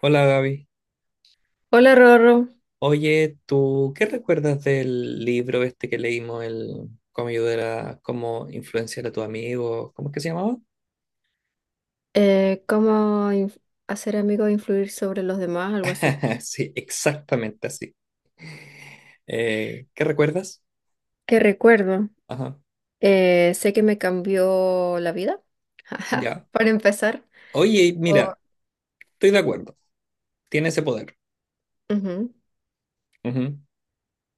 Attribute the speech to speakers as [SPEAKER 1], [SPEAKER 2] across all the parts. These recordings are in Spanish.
[SPEAKER 1] Hola Gaby.
[SPEAKER 2] Hola Rorro.
[SPEAKER 1] Oye, ¿tú qué recuerdas del libro este que leímos, el cómo ayudar a, cómo influenciar a tu amigo? ¿Cómo es que se llamaba?
[SPEAKER 2] Eh, ¿cómo inf- hacer amigos e influir sobre los demás? Algo así.
[SPEAKER 1] Sí, exactamente así. ¿Qué recuerdas?
[SPEAKER 2] ¿Qué recuerdo?
[SPEAKER 1] Ajá,
[SPEAKER 2] Sé que me cambió la vida,
[SPEAKER 1] ya.
[SPEAKER 2] para empezar.
[SPEAKER 1] Oye,
[SPEAKER 2] O-
[SPEAKER 1] mira, estoy de acuerdo. Tiene ese poder.
[SPEAKER 2] Ujú.
[SPEAKER 1] Ujú.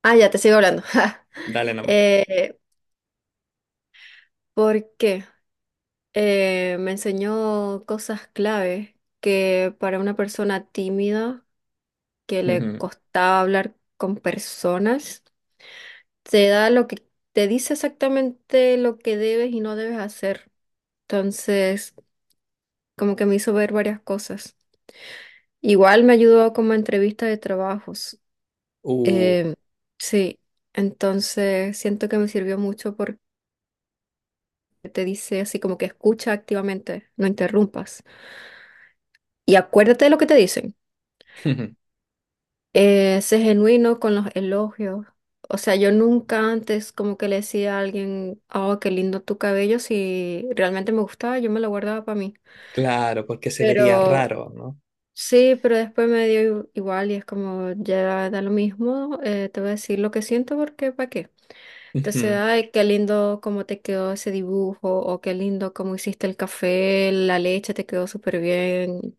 [SPEAKER 2] Ah, ya, te sigo hablando.
[SPEAKER 1] Dale nomás.
[SPEAKER 2] Eh, ¿Por qué? Me enseñó cosas clave que para una persona tímida que le
[SPEAKER 1] Ujú.
[SPEAKER 2] costaba hablar con personas, te da lo que te dice exactamente lo que debes y no debes hacer. Entonces, como que me hizo ver varias cosas. Igual me ayudó como entrevista de trabajos.
[SPEAKER 1] Uh.
[SPEAKER 2] Eh, sí, entonces siento que me sirvió mucho porque te dice así como que escucha activamente, no interrumpas. Y acuérdate de lo que te dicen. Sé genuino con los elogios. O sea, yo nunca antes como que le decía a alguien, oh, qué lindo tu cabello, si realmente me gustaba, yo me lo guardaba para mí.
[SPEAKER 1] Claro, porque se vería
[SPEAKER 2] Pero
[SPEAKER 1] raro, ¿no?
[SPEAKER 2] sí, pero después me dio igual y es como, ya da lo mismo, te voy a decir lo que siento porque ¿para qué? Entonces,
[SPEAKER 1] Ujú.
[SPEAKER 2] ay, qué lindo cómo te quedó ese dibujo o qué lindo cómo hiciste el café, la leche te quedó súper bien.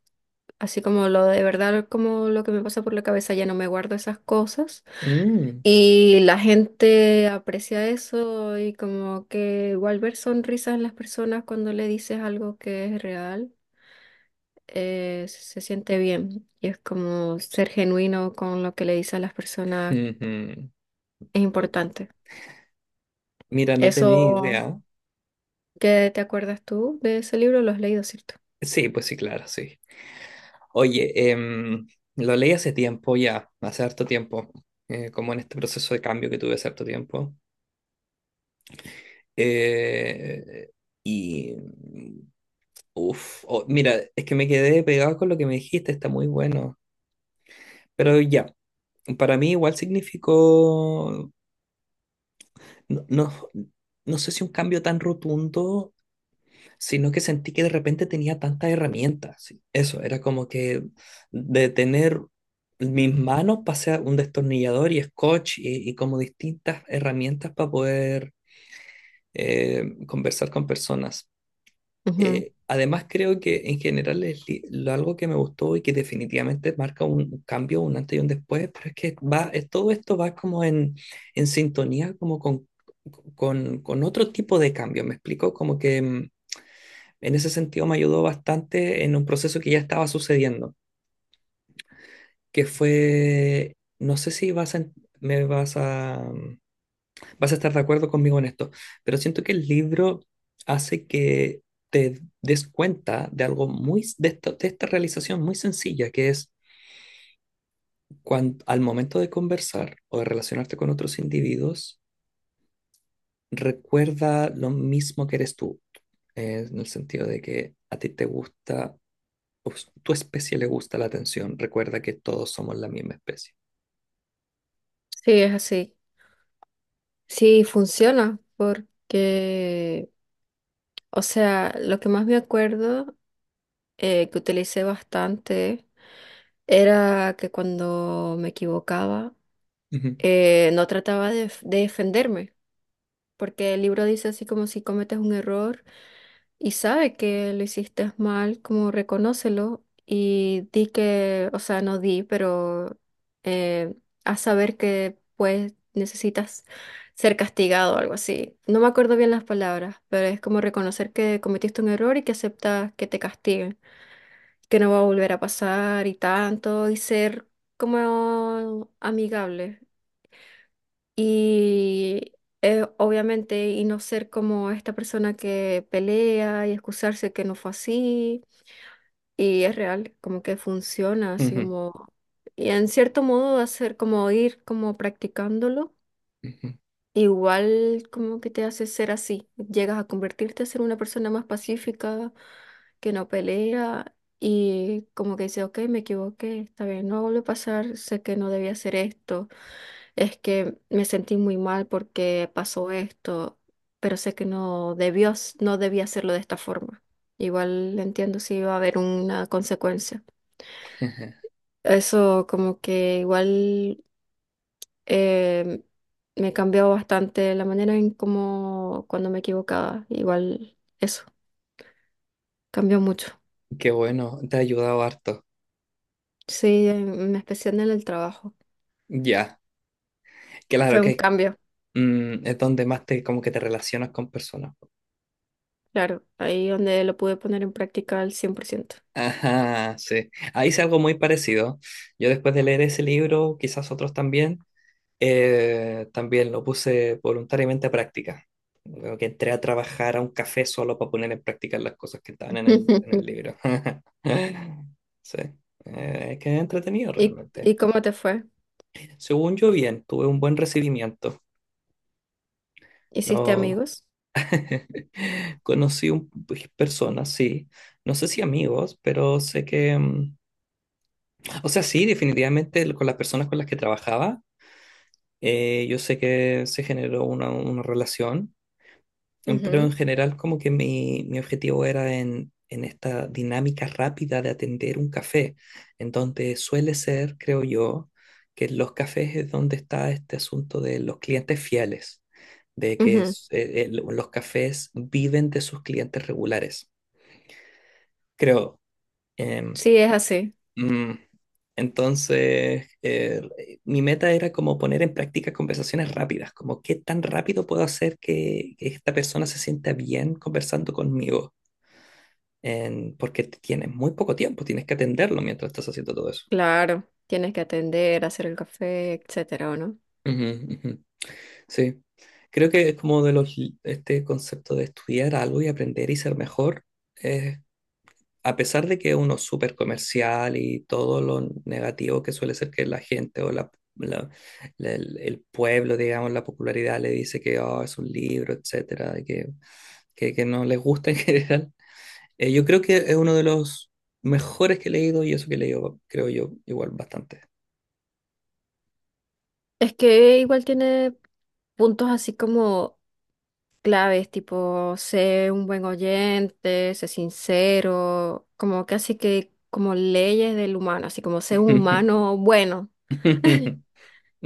[SPEAKER 2] Así como lo de verdad, como lo que me pasa por la cabeza, ya no me guardo esas cosas.
[SPEAKER 1] Mm,
[SPEAKER 2] Y la gente aprecia eso y como que igual ver sonrisas en las personas cuando le dices algo que es real, se siente bien y es como ser genuino con lo que le dice a las personas
[SPEAKER 1] ujú.
[SPEAKER 2] es importante.
[SPEAKER 1] Mira, no tenía
[SPEAKER 2] Eso,
[SPEAKER 1] idea.
[SPEAKER 2] ¿qué te acuerdas tú de ese libro? Lo has leído, ¿cierto?
[SPEAKER 1] Sí, pues sí, claro, sí. Oye, lo leí hace tiempo ya, hace harto tiempo, como en este proceso de cambio que tuve hace harto tiempo. Eh, y, uff, mira, es que me quedé pegado con lo que me dijiste, está muy bueno. Pero ya, para mí igual significó, no, no, no sé si un cambio tan rotundo, sino que sentí que de repente tenía tantas herramientas. Sí. Eso, era como que de tener mis manos pasé a un destornillador y scotch y como distintas herramientas para poder conversar con personas.
[SPEAKER 2] Ujú.
[SPEAKER 1] Además, creo que en general es algo que me gustó y que definitivamente marca un cambio, un antes y un después, pero es que va, todo esto va como en sintonía como con otro tipo de cambio, ¿me explico? Como que... mm, en ese sentido me ayudó bastante en un proceso que ya estaba sucediendo, que fue, no sé si vas a, me vas a, mm, vas a estar de acuerdo conmigo en esto, pero siento que el libro hace que te des cuenta de algo de esta realización muy sencilla, que es cuando, al momento de conversar o de relacionarte con otros individuos, recuerda lo mismo que eres tú, en el sentido de que a ti te gusta tu especie le gusta la atención. Recuerda que todos somos la misma especie.
[SPEAKER 2] Sí, es así. Sí, funciona porque, o sea, lo que más me acuerdo, que utilicé bastante era que cuando me equivocaba,
[SPEAKER 1] Ujú,
[SPEAKER 2] no trataba de defenderme, porque el libro dice así como si cometes un error, y sabe que lo hiciste mal, como reconócelo y di que, o sea, no di, pero eh, haz saber que pues necesitas ser castigado o algo así. No me acuerdo bien las palabras, pero es como reconocer que cometiste un error y que aceptas que te castiguen, que no va a volver a pasar y tanto, y ser como amigable. Y obviamente, y no ser como esta persona que pelea y excusarse que no fue así. Y es real, como que funciona, así
[SPEAKER 1] ujú,
[SPEAKER 2] como… Y en cierto modo hacer como ir como practicándolo,
[SPEAKER 1] ujú.
[SPEAKER 2] igual como que te hace ser así. Llegas a convertirte a ser una persona más pacífica, que no pelea y como que dice, ok, me equivoqué, está bien, no vuelve a pasar, sé que no debía hacer esto. Es que me sentí muy mal porque pasó esto, pero sé que no debió, no debía hacerlo de esta forma. Igual entiendo si iba a haber una consecuencia. Eso como que igual, eh, me cambió bastante la manera en cómo cuando me equivocaba. Igual eso cambió mucho.
[SPEAKER 1] Qué bueno, te ha ayudado harto.
[SPEAKER 2] Sí, en especial en el trabajo.
[SPEAKER 1] Ya, claro
[SPEAKER 2] Fue un
[SPEAKER 1] que
[SPEAKER 2] cambio,
[SPEAKER 1] mm, es donde más te como que te relacionas con personas.
[SPEAKER 2] claro, ahí donde lo pude poner en práctica al cien por ciento.
[SPEAKER 1] Ajá, sí. Ahí hice algo muy parecido. Yo después de leer ese libro, quizás otros también, eh, también lo puse voluntariamente a práctica. Como que entré a trabajar a un café solo para poner en práctica las cosas que estaban en en el libro. Sí. Es que es entretenido
[SPEAKER 2] ¿Y,
[SPEAKER 1] realmente.
[SPEAKER 2] y cómo te fue?
[SPEAKER 1] Según yo, bien, tuve un buen recibimiento.
[SPEAKER 2] ¿Hiciste
[SPEAKER 1] No,
[SPEAKER 2] amigos?
[SPEAKER 1] conocí un, pues, personas, sí. No sé si amigos, pero sé que. Mm, o sea, sí, definitivamente con las personas con las que trabajaba, yo sé que se generó una relación. Em, pero en general como que mi objetivo era en esta dinámica rápida de atender un café, en donde suele ser, creo yo, que en los cafés es donde está este asunto de los clientes fieles, de
[SPEAKER 2] Ujú,
[SPEAKER 1] que
[SPEAKER 2] ujú.
[SPEAKER 1] los cafés viven de sus clientes regulares, creo. Em,
[SPEAKER 2] Sí, es así.
[SPEAKER 1] mm, entonces, mi meta era como poner en práctica conversaciones rápidas, como qué tan rápido puedo hacer que esta persona se sienta bien conversando conmigo, porque tienes muy poco tiempo, tienes que atenderlo mientras estás haciendo todo eso.
[SPEAKER 2] Claro, tienes que atender, hacer el café, etcétera, ¿o no?
[SPEAKER 1] Ujú, ujú. Sí, creo que es como de este concepto de estudiar algo y aprender y ser mejor, es a pesar de que uno es uno súper comercial y todo lo negativo que suele ser que la gente o la- la- el pueblo, digamos, la popularidad le dice que "Oh, es un libro, etcétera, y que no les gusta en general, yo creo que es uno de los mejores que he leído y eso que he leído, creo yo, igual bastante.
[SPEAKER 2] Es que igual tiene puntos así como claves, tipo sé un buen oyente, sé sincero, como casi que como leyes del humano, así como sé un humano bueno.
[SPEAKER 1] Ujú,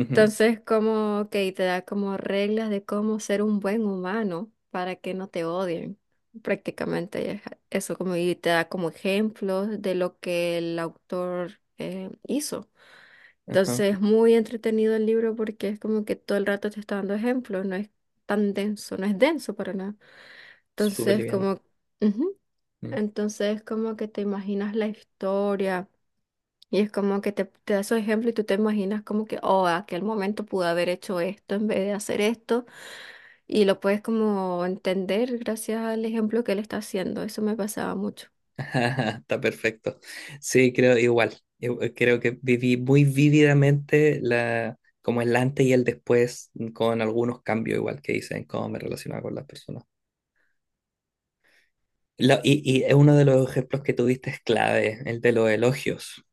[SPEAKER 1] ujú,
[SPEAKER 2] Entonces, como que te da como reglas de cómo ser un buen humano para que no te odien. Prácticamente es eso, como y te da como ejemplos de lo que el autor, hizo.
[SPEAKER 1] ajá,
[SPEAKER 2] Entonces, es muy entretenido el libro porque es como que todo el rato te está dando ejemplos, no es tan denso, no es denso para nada.
[SPEAKER 1] súper
[SPEAKER 2] Entonces,
[SPEAKER 1] liviana.
[SPEAKER 2] como, ujú,
[SPEAKER 1] Mm.
[SPEAKER 2] entonces, como que te imaginas la historia. Y es como que te da su ejemplo y tú te imaginas como que, oh, aquel momento pude haber hecho esto en vez de hacer esto. Y lo puedes como entender gracias al ejemplo que él está haciendo. Eso me pasaba mucho.
[SPEAKER 1] Está perfecto. Sí, creo igual. Yo creo que viví muy vívidamente como el antes y el después mm, con algunos cambios igual que hice en cómo me relacionaba con las personas. Y es uno de los ejemplos que tuviste es clave, el de los elogios.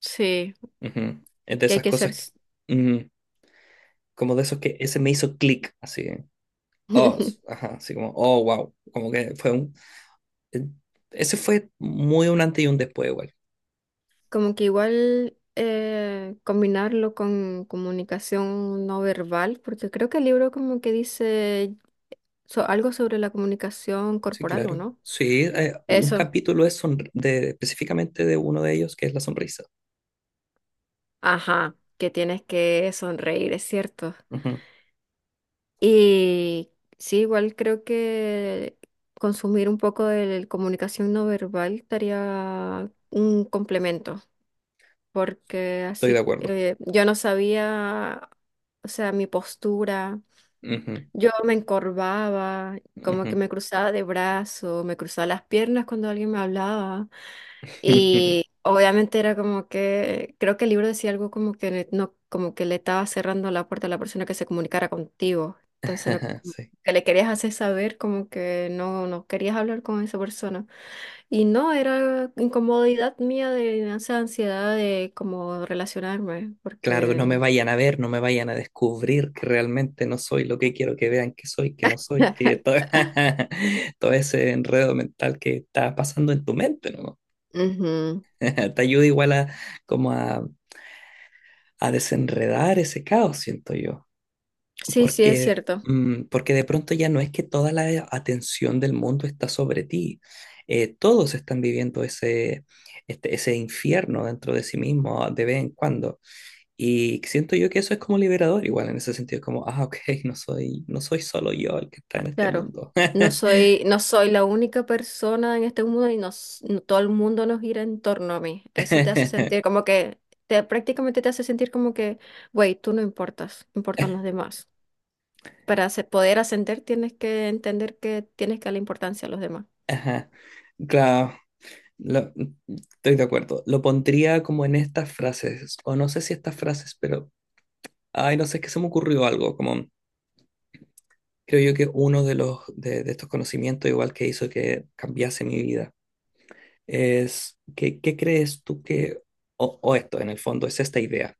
[SPEAKER 2] Sí,
[SPEAKER 1] Ujú. Es de
[SPEAKER 2] que hay
[SPEAKER 1] esas
[SPEAKER 2] que ser
[SPEAKER 1] cosas,
[SPEAKER 2] s-
[SPEAKER 1] ujú, como de esos que ese me hizo clic, así. Oh, ajá, así como, oh, wow. Como que fue un... eh, ese fue muy un antes y un después igual.
[SPEAKER 2] como que igual, combinarlo con comunicación no verbal, porque creo que el libro como que dice algo sobre la comunicación
[SPEAKER 1] Sí,
[SPEAKER 2] corporal, ¿o
[SPEAKER 1] claro.
[SPEAKER 2] no?
[SPEAKER 1] Sí, un
[SPEAKER 2] Eso,
[SPEAKER 1] capítulo es específicamente de uno de ellos, que es la sonrisa.
[SPEAKER 2] ajá, que tienes que sonreír, es cierto.
[SPEAKER 1] Ujú,
[SPEAKER 2] Y sí, igual creo que consumir un poco de comunicación no verbal estaría un complemento, porque
[SPEAKER 1] estoy de
[SPEAKER 2] así,
[SPEAKER 1] acuerdo.
[SPEAKER 2] yo no sabía, o sea, mi postura,
[SPEAKER 1] Ujú,
[SPEAKER 2] yo me encorvaba, como que
[SPEAKER 1] ujú.
[SPEAKER 2] me cruzaba de brazo, me cruzaba las piernas cuando alguien me hablaba. Y obviamente era como que, creo que el libro decía algo como que no, como que le estaba cerrando la puerta a la persona que se comunicara contigo. Entonces no, como
[SPEAKER 1] Sí.
[SPEAKER 2] que le querías hacer saber como que no, no querías hablar con esa persona. Y no, era incomodidad mía de esa ansiedad de como relacionarme,
[SPEAKER 1] Claro, no me
[SPEAKER 2] porque
[SPEAKER 1] vayan a ver, no me vayan a descubrir que realmente no soy lo que quiero que vean que soy, que no soy, que todo, todo ese enredo mental que está pasando en tu mente, ¿no?
[SPEAKER 2] ujú.
[SPEAKER 1] Te ayuda igual como a, a desenredar ese caos, siento yo.
[SPEAKER 2] Sí, sí, es
[SPEAKER 1] Porque,
[SPEAKER 2] cierto.
[SPEAKER 1] mm, porque de pronto ya no es que toda la atención del mundo está sobre ti. Todos están viviendo ese infierno dentro de sí mismo de vez en cuando. Y siento yo que eso es como liberador, igual en ese sentido, como, ah, ok, no soy solo yo el que está en este
[SPEAKER 2] Claro,
[SPEAKER 1] mundo.
[SPEAKER 2] no soy la única persona en este mundo y nos, no- todo el mundo nos gira en torno a mí. Eso te hace sentir como que, te, prácticamente te hace sentir como que, güey, tú no importas, importan los demás. Poder ascender tienes que entender que tienes que darle importancia a los demás.
[SPEAKER 1] Ajá. Claro, lo- estoy de acuerdo. Lo pondría como en estas frases, o no sé si estas frases, pero, ay, no sé, es que se me ocurrió algo, como... Creo yo que uno de estos conocimientos, igual que hizo que cambiase mi vida, es que, ¿qué crees tú que, o esto en el fondo es esta idea,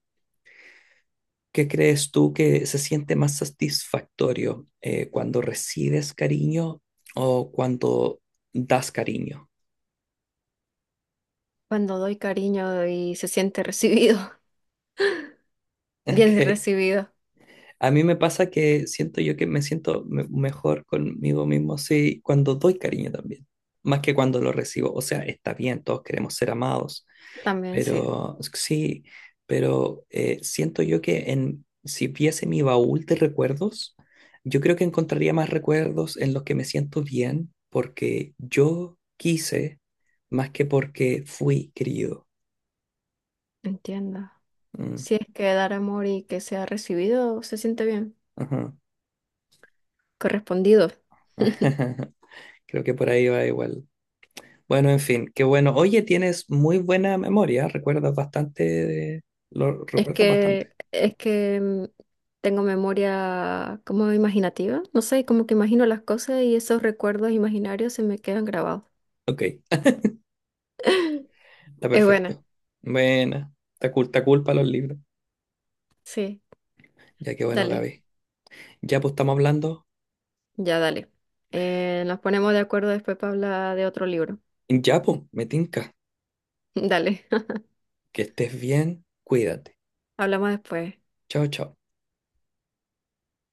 [SPEAKER 1] ¿qué crees tú que se siente más satisfactorio cuando recibes cariño o cuando das cariño?
[SPEAKER 2] Cuando doy cariño y se siente recibido, bien
[SPEAKER 1] Ok.
[SPEAKER 2] recibido,
[SPEAKER 1] A mí me pasa que siento yo que mejor conmigo mismo sí, cuando doy cariño también, más que cuando lo recibo. O sea, está bien, todos queremos ser amados.
[SPEAKER 2] también sí,
[SPEAKER 1] Pero sí, pero siento yo que si viese mi baúl de recuerdos, yo creo que encontraría más recuerdos en los que me siento bien porque yo quise más que porque fui querido.
[SPEAKER 2] entiendo.
[SPEAKER 1] Mm,
[SPEAKER 2] Si es que dar amor y que sea recibido, se siente bien,
[SPEAKER 1] ajá.
[SPEAKER 2] correspondido.
[SPEAKER 1] Creo que por ahí va igual. Bueno, en fin, qué bueno. Oye, tienes muy buena memoria, recuerdas bastante, lo
[SPEAKER 2] Es
[SPEAKER 1] recuerdas bastante.
[SPEAKER 2] que, tengo memoria como imaginativa, no sé, como que imagino las cosas y esos recuerdos imaginarios se me quedan grabados.
[SPEAKER 1] Ok, está
[SPEAKER 2] Es buena,
[SPEAKER 1] perfecto. Buena, está cool para los libros.
[SPEAKER 2] sí,
[SPEAKER 1] Ya que bueno,
[SPEAKER 2] dale,
[SPEAKER 1] Gaby. Ya, pues estamos hablando.
[SPEAKER 2] ya dale. Nos ponemos de acuerdo después para hablar de otro libro.
[SPEAKER 1] Ya, pues, me tinca.
[SPEAKER 2] Dale,
[SPEAKER 1] Que estés bien, cuídate.
[SPEAKER 2] hablamos después.
[SPEAKER 1] Chao, chao.